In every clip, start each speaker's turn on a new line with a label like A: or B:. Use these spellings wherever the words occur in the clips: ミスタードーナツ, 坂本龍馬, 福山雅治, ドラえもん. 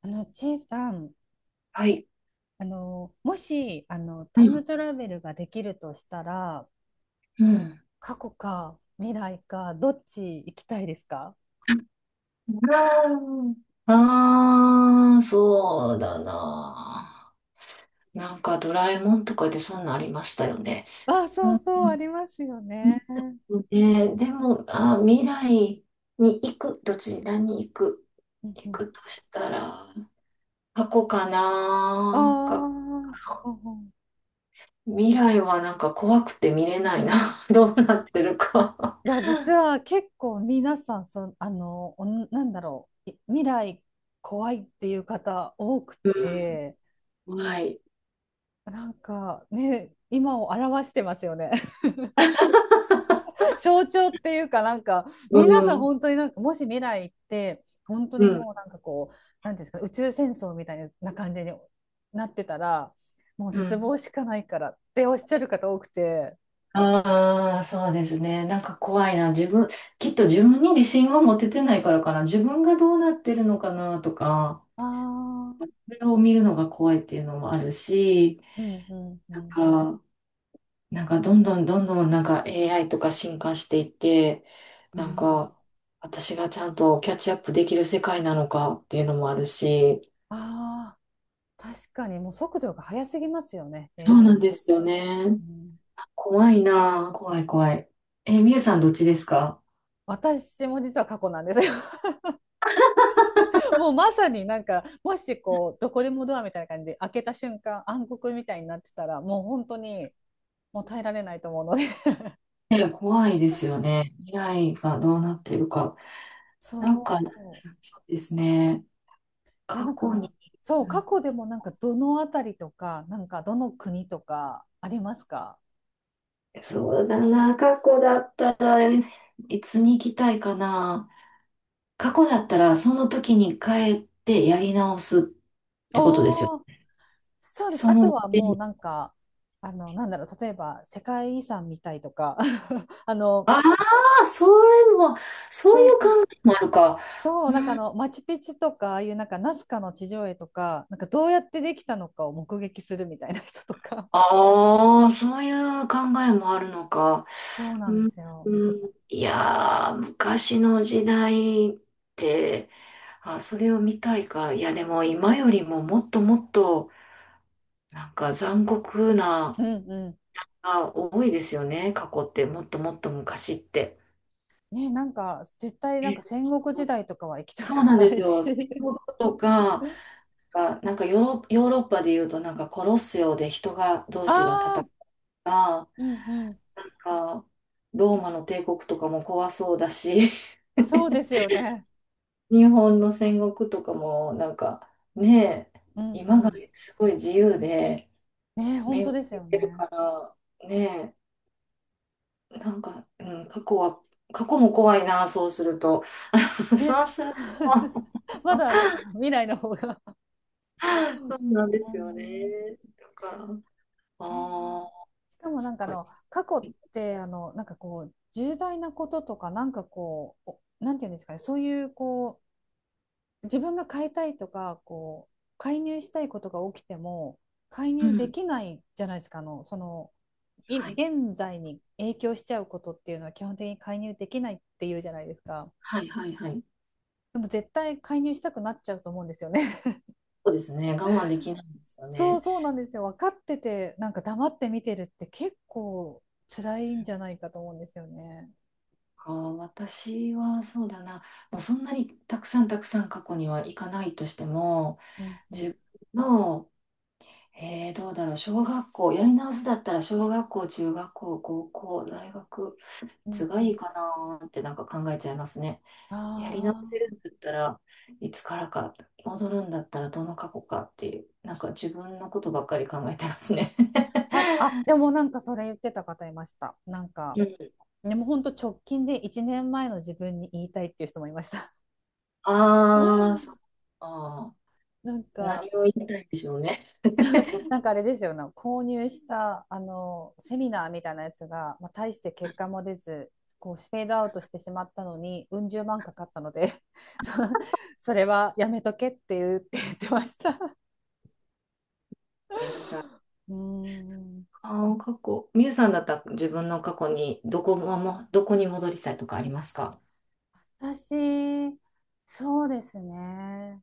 A: チェイさん、
B: はい。
A: もし、
B: う
A: タイム
B: ん。
A: トラベルができるとしたら、
B: うん
A: 過去か未来か、どっち行きたいですか？
B: そうだな。なんかドラえもんとかでそんなんありましたよね。
A: あ、そう
B: う
A: そ
B: ん。
A: う、ありますよね。うん
B: ね、でも、あ、未来に行く、どちらに行く、
A: う
B: 行
A: ん。
B: くとしたら、過去か
A: ああ、う
B: な。か、
A: んうん。
B: 未来はなんか怖くて見れないな。どうなってるか。
A: いや、実は結構皆さん、そ、あの、おんなんだろう、未来怖いっていう方多くて、
B: うん。はい。
A: なんかね、今を表してますよね。象徴っていうか、なんか
B: う
A: 皆さん
B: ん。
A: 本当になんかもし未来行って本当
B: う
A: に
B: ん。
A: もう、なんかこうなんていうんですか、宇宙戦争みたいな感じになってたら、もう
B: う
A: 絶
B: ん。
A: 望しかないからっておっしゃる方多くて。
B: ああ、そうですね。なんか怖いな。自分、きっと自分に自信が持ててないからかな。自分がどうなってるのかなとか、
A: ああ、
B: それを見るのが怖いっていうのもあるし、
A: うんうんう
B: なん
A: ん
B: か、なんか、どんどんなんか AI とか進化していって、
A: う
B: なん
A: ん、
B: か私がちゃんとキャッチアップできる世界なのかっていうのもあるし、
A: ああ。確かにもう速度が速すぎますよね、
B: そうな
A: AI。
B: んですよね。
A: うん。
B: 怖いな。怖い怖い。え、みゆさんどっちですか？
A: 私も実は過去なんですよ。 もうまさに、なんかもしこうどこでもドアみたいな感じで開けた瞬間暗黒みたいになってたら、もう本当にもう耐えられないと思うので。
B: え、怖いですよね。未来がどうなってるか。
A: そ
B: なんか、
A: う。
B: ですね。
A: いや、な
B: 過
A: ん
B: 去
A: か、
B: に、
A: そう、
B: う
A: 過
B: ん、
A: 去でもなんかどのあたりとか、なんかどの国とかありますか？
B: そうだな、過去だったら、いつに行きたいかな。過去だったら、その時に帰ってやり直すってことですよ。
A: おー、そうです。
B: そ
A: あと
B: の、
A: はもうなんか、なんだろう、例えば世界遺産みたいとか、あの、
B: ああ、それも、そう
A: そ
B: いう考
A: う
B: えもあるか。
A: そう、なんかマチュピチュとか、ああいうなんかナスカの地上絵とか、なんかどうやってできたのかを目撃するみたいな人とか。
B: ああ、そういう考えもあるのか。
A: そうなん
B: う
A: で
B: ん、
A: すよ。
B: うん、いやー、昔の時代って、あ、それを見たいか。いや、でも今よりももっともっと、なんか残酷
A: うん
B: な、
A: うん。
B: あ、多いですよね。過去って、もっともっと昔って。
A: ね、なんか絶対なんか
B: え、
A: 戦国時代とかは行きた
B: そ
A: く
B: うなん
A: な
B: です
A: いし。
B: よ。戦国とか、がなんかヨーロッパで言うと、なんかコロッセオで人が、同
A: あ
B: 士が戦う
A: あ、
B: とか、
A: うんうん、
B: なんかローマの帝国とかも怖そうだし、
A: そうですよね。
B: 日本の戦国とかもなんか、ね。え、
A: うんう
B: 今が
A: ん。
B: すごい自由で
A: ね、本
B: 恵
A: 当
B: ま
A: です
B: れ
A: よ
B: てる
A: ね。
B: から、ね。え、なんか、うん、過去は過去も怖いな、そうすると。
A: ね、
B: そうすると。
A: まだあれ か、未来の方が。
B: そうなんで
A: う
B: すよね、
A: ん。
B: だから。あ、あ、
A: しかも
B: そ
A: な
B: っ
A: んか、あ
B: か。
A: の過去って、あのなんかこう重大なこととか、なんかこうおなんていうんですかね、そういうこう自分が買いたいとかこう介入したいことが起きても、介
B: う
A: 入で
B: ん。
A: きないじゃないですか。あのその
B: はい
A: 現在に影響しちゃうことっていうのは、基本的に介入できないっていうじゃないですか。
B: はいはい。はい。
A: でも絶対介入したくなっちゃうと思うんですよね。
B: そうですね、我慢できないんですよ
A: そう
B: ね。
A: そうなんですよ。分かってて、なんか黙って見てるって結構辛いんじゃないかと思うんですよね。
B: か、私はそうだな、もうそんなにたくさん過去には行かないとしても、
A: うんうん。
B: 自分の、えー、どうだろう、小学校、やり直すだったら小学校、中学校、高校、大学、い
A: う
B: つ
A: ん
B: が
A: う
B: い
A: ん。
B: いかなーってなんか考えちゃいますね。やり直せるん
A: あ
B: だったらいつからか、戻るんだったらどの過去かっていう、なんか自分のことばっかり考えてますね。
A: あ、あ、でも なんかそれ言ってた方いました。なんか、
B: うん、
A: でも本当直近で1年前の自分に言いたいっていう人もいました。
B: ああ、そうか。あー、
A: なんか、
B: 何を言いたいんでしょうね。
A: なんかあれですよね、購入したあのセミナーみたいなやつが、まあ、大して結果も出ず、こうスペードアウトしてしまったのに、うん十万かかったので、 そそれはやめとけって言ってました。
B: 皆さん。あ、
A: うーん、
B: あ、過去。みゆさんだったら自分の過去にどこも、どこに戻りたいとかありますか？
A: 私、そうですね。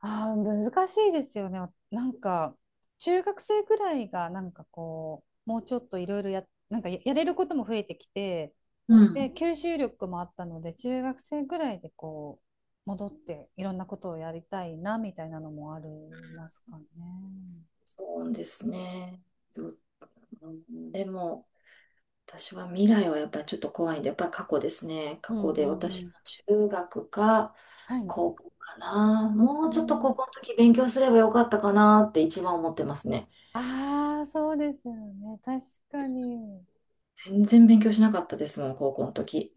A: あ、難しいですよね。なんか、中学生くらいが、なんかこう、もうちょっといろいろなんかやれることも増えてきて、
B: う
A: で、
B: ん。
A: 吸収力もあったので、中学生ぐらいでこう、戻っていろんなことをやりたいな、みたいなのもありますかね。
B: そうですね。う、うん、でも、私は未来はやっぱりちょっと怖いんで、やっぱり過去ですね。
A: う
B: 過
A: ん
B: 去
A: う
B: で
A: ん
B: 私
A: う
B: も
A: ん。
B: 中学か
A: はい。
B: 高校かな。
A: う
B: もうちょっと
A: ん。
B: 高校の時勉強すればよかったかなって一番思ってますね。
A: ああ、そうですよね。確かに。
B: 全然勉強しなかったですもん、高校の時。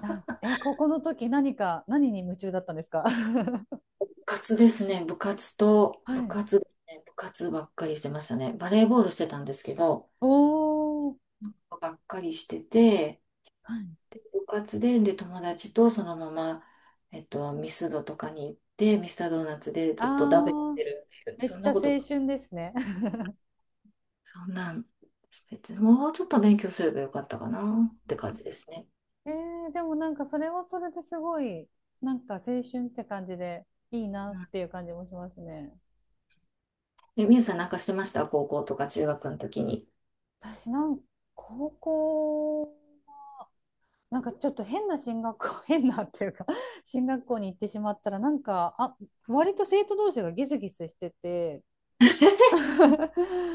A: なんか、高校の時何か、何に夢中だったんですか？
B: 部活ですね。部活と、
A: は
B: 部
A: い。
B: 活ですね。部活ばっかりしてましたね。バレーボールしてたんですけど、
A: おー。
B: ばっかりしてて、
A: はい。
B: 部活で、で、友達とそのまま、ミスドとかに行って、ミスタードーナツでずっと食べ
A: ああ、
B: てるっていう、
A: めっ
B: そん
A: ち
B: な
A: ゃ青
B: こと、
A: 春ですね。
B: そんなんしてて、もうちょっと勉強すればよかったかなって感じですね。
A: でもなんかそれはそれですごい、なんか青春って感じでいいな
B: う
A: っ
B: ん。
A: ていう感じもしますね。
B: え、みゆさんなんかしてました高校とか中学の時に？
A: 私なんか高校、なんかちょっと変な進学校、変なっていうか進学校に行ってしまったら、なんか、あ、割と生徒同士がギスギスしてて、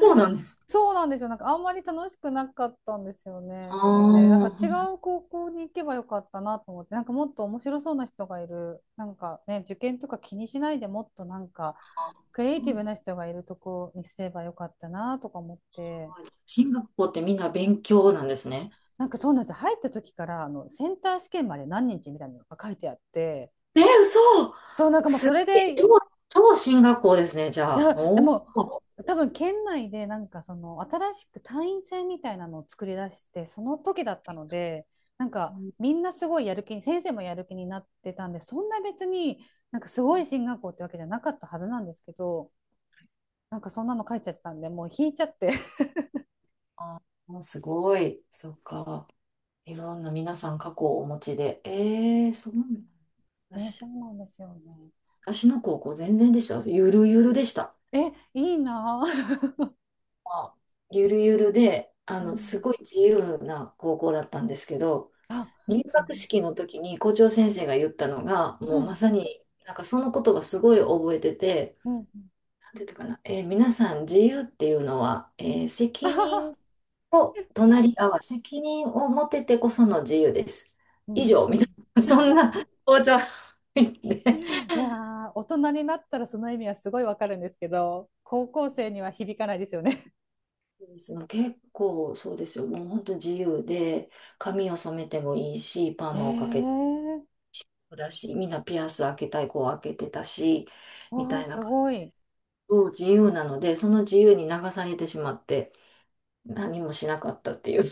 B: そうなん です。
A: そうなんですよ。なんかあんまり楽しくなかったんですよ
B: あ
A: ね。なので、なんか違
B: あ、
A: う高校に行けばよかったなと思って、なんかもっと面白そうな人がいる、なんかね、受験とか気にしないでもっとなんかクリエイティブな人がいるとこにすればよかったなとか思って、
B: 進学校ってみんな勉強なんですね。
A: なんかそうなんですよ。入った時から、あのセンター試験まで何日みたいなのが書いてあって、
B: え、嘘。
A: そう、なんかもう
B: す
A: それ
B: ごい。
A: で。
B: 超、超進学校ですね、じ
A: い
B: ゃあ。
A: や、で
B: お
A: も、
B: お。
A: 多分県内でなんかその新しく単員制みたいなのを作り出してその時だったので、なんかみんなすごいやる気に、先生もやる気になってたんで、そんな別になんかすごい進学校ってわけじゃなかったはずなんですけど、なんかそんなの書いちゃってたんで、もう引いちゃって。
B: あー、すごい。そっか。いろんな皆さん過去をお持ちで。ええ、そうなんだ。
A: ね、そ
B: 私、
A: うなんですよね。
B: 私の高校全然でした。ゆるゆるでした。
A: え、いいなぁ。
B: まあ、ゆるゆるで、
A: う
B: す
A: ん、
B: ごい自由な高校だったんですけど、
A: あ、
B: 入
A: そ
B: 学式の時に校長先生が言ったのが、
A: う、
B: もう
A: は
B: ま
A: い、
B: さに、なんかその言葉すごい覚えてて、
A: うんうん。
B: なんていうのかな、皆さん自由っていうのは、責任 と隣り合わせ、責任を持ててこその自由です。
A: う
B: 以
A: ん。
B: 上、みたいな、そんな紅茶
A: い
B: で。
A: や ー、大人になったらその意味はすごいわかるんですけど、高校生には響かないですよね。
B: そうですね、結構そうですよ。もう本当自由で、髪を染めてもいいし、パー
A: え
B: マをかけて
A: ー、
B: もだし、みんなピアス開けたい子は開けてたし、み
A: わ
B: た
A: ー、
B: いな。
A: すごい。
B: そう自由なので、その自由に流されてしまって、何もしなかったっていう。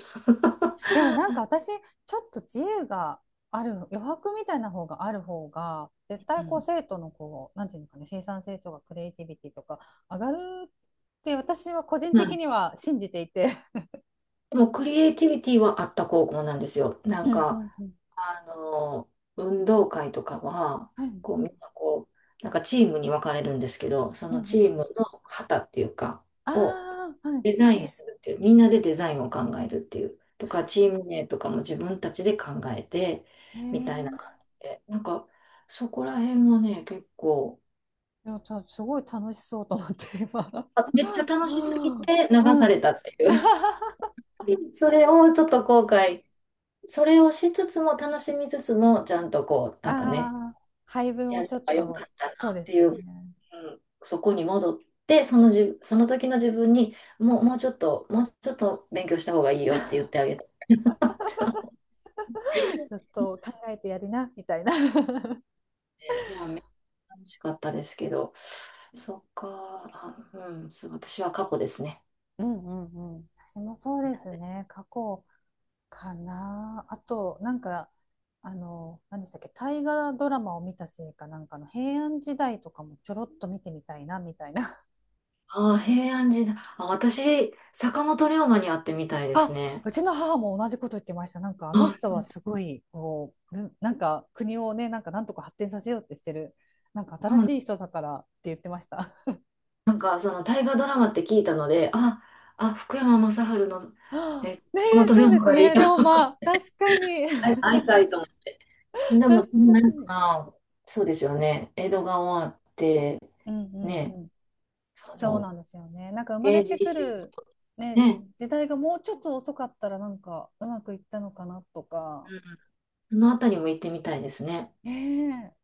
A: でもなんか私、ちょっと自由がある、余白みたいな方がある方が、絶
B: う
A: 対こう
B: ん。
A: 生徒のこう、なんていうのかね、生産性とかクリエイティビティとか上がるって、私は個人
B: う
A: 的
B: ん、
A: には信じていて。
B: でもクリエイティビティはあった高校なんですよ。な
A: う
B: ん
A: んう
B: か、
A: んうん。
B: あの、運動会とかは、
A: はい。
B: こう、みんなこう、なんかチームに分かれるんですけど、そ
A: うん
B: の
A: う
B: チーム
A: ん。
B: の旗っていうか、を
A: ああ、は
B: デ
A: い。
B: ザインするっていう、みんなでデザインを考えるっていう、とか、チーム名とかも自分たちで考えて、
A: へえ
B: みたいな感
A: ー。
B: じで、なんか、そこら辺はね、結構、
A: いや、すごい楽しそうと思って、今。
B: あ、めっちゃ楽しすぎ て流
A: う
B: さ
A: ん。
B: れたっていう。それをちょっと後悔、それをしつつも楽しみつつも、ちゃんとこう、なんかね、
A: ああ、配分
B: や
A: を
B: れ
A: ちょっ
B: ばよか
A: と、
B: った
A: そう
B: なっ
A: で
B: て
A: す
B: いう。う
A: ね。
B: ん、そこに戻って、そのじ、その時の自分に、もう、もうちょっと、もうちょっと勉強した方がいいよって言ってあげたって。
A: ちょっと考えてやりな、みたいな。
B: でもめっちゃ楽しかったですけど、そっか、あ、うん、そう私は過去ですね。
A: うんうんうん。私もそうですね。過去かな。あと、なんか、何でしたっけ、大河ドラマを見たせいか、なんかの平安時代とかもちょろっと見てみたいな、みたいな。
B: ああ、平安時代。あ、私、坂本龍馬に会ってみたいです
A: あ、
B: ね。
A: うちの母も同じこと言ってました。なんかあの人
B: あ、
A: はすごい、こう、なんか国をね、なんかなんとか発展させようってしてる、なんか新
B: そう
A: しい人だからって言ってました。
B: なんか、その大河ドラマって聞いたので、あ、あ、福山雅治の、
A: は
B: え、
A: あ、
B: 坂
A: ねえ、
B: 本龍
A: そうで
B: 馬
A: す
B: がいい。
A: ね、龍 馬。確かに。
B: 会いたいと思って。 でも、そ
A: 確
B: ん
A: か
B: なん
A: に。
B: か、そうですよね。江戸が終わって、
A: うんうん
B: ね、
A: うん。
B: そ
A: そう
B: の、
A: なんですよね。なんか生ま
B: 明
A: れ
B: 治
A: て
B: 維
A: く
B: 新、
A: る、ね、
B: ね、
A: 時代がもうちょっと遅かったら、なんかうまくいったのかなとか。
B: うん、そのあたりも行ってみたいですね。
A: ね。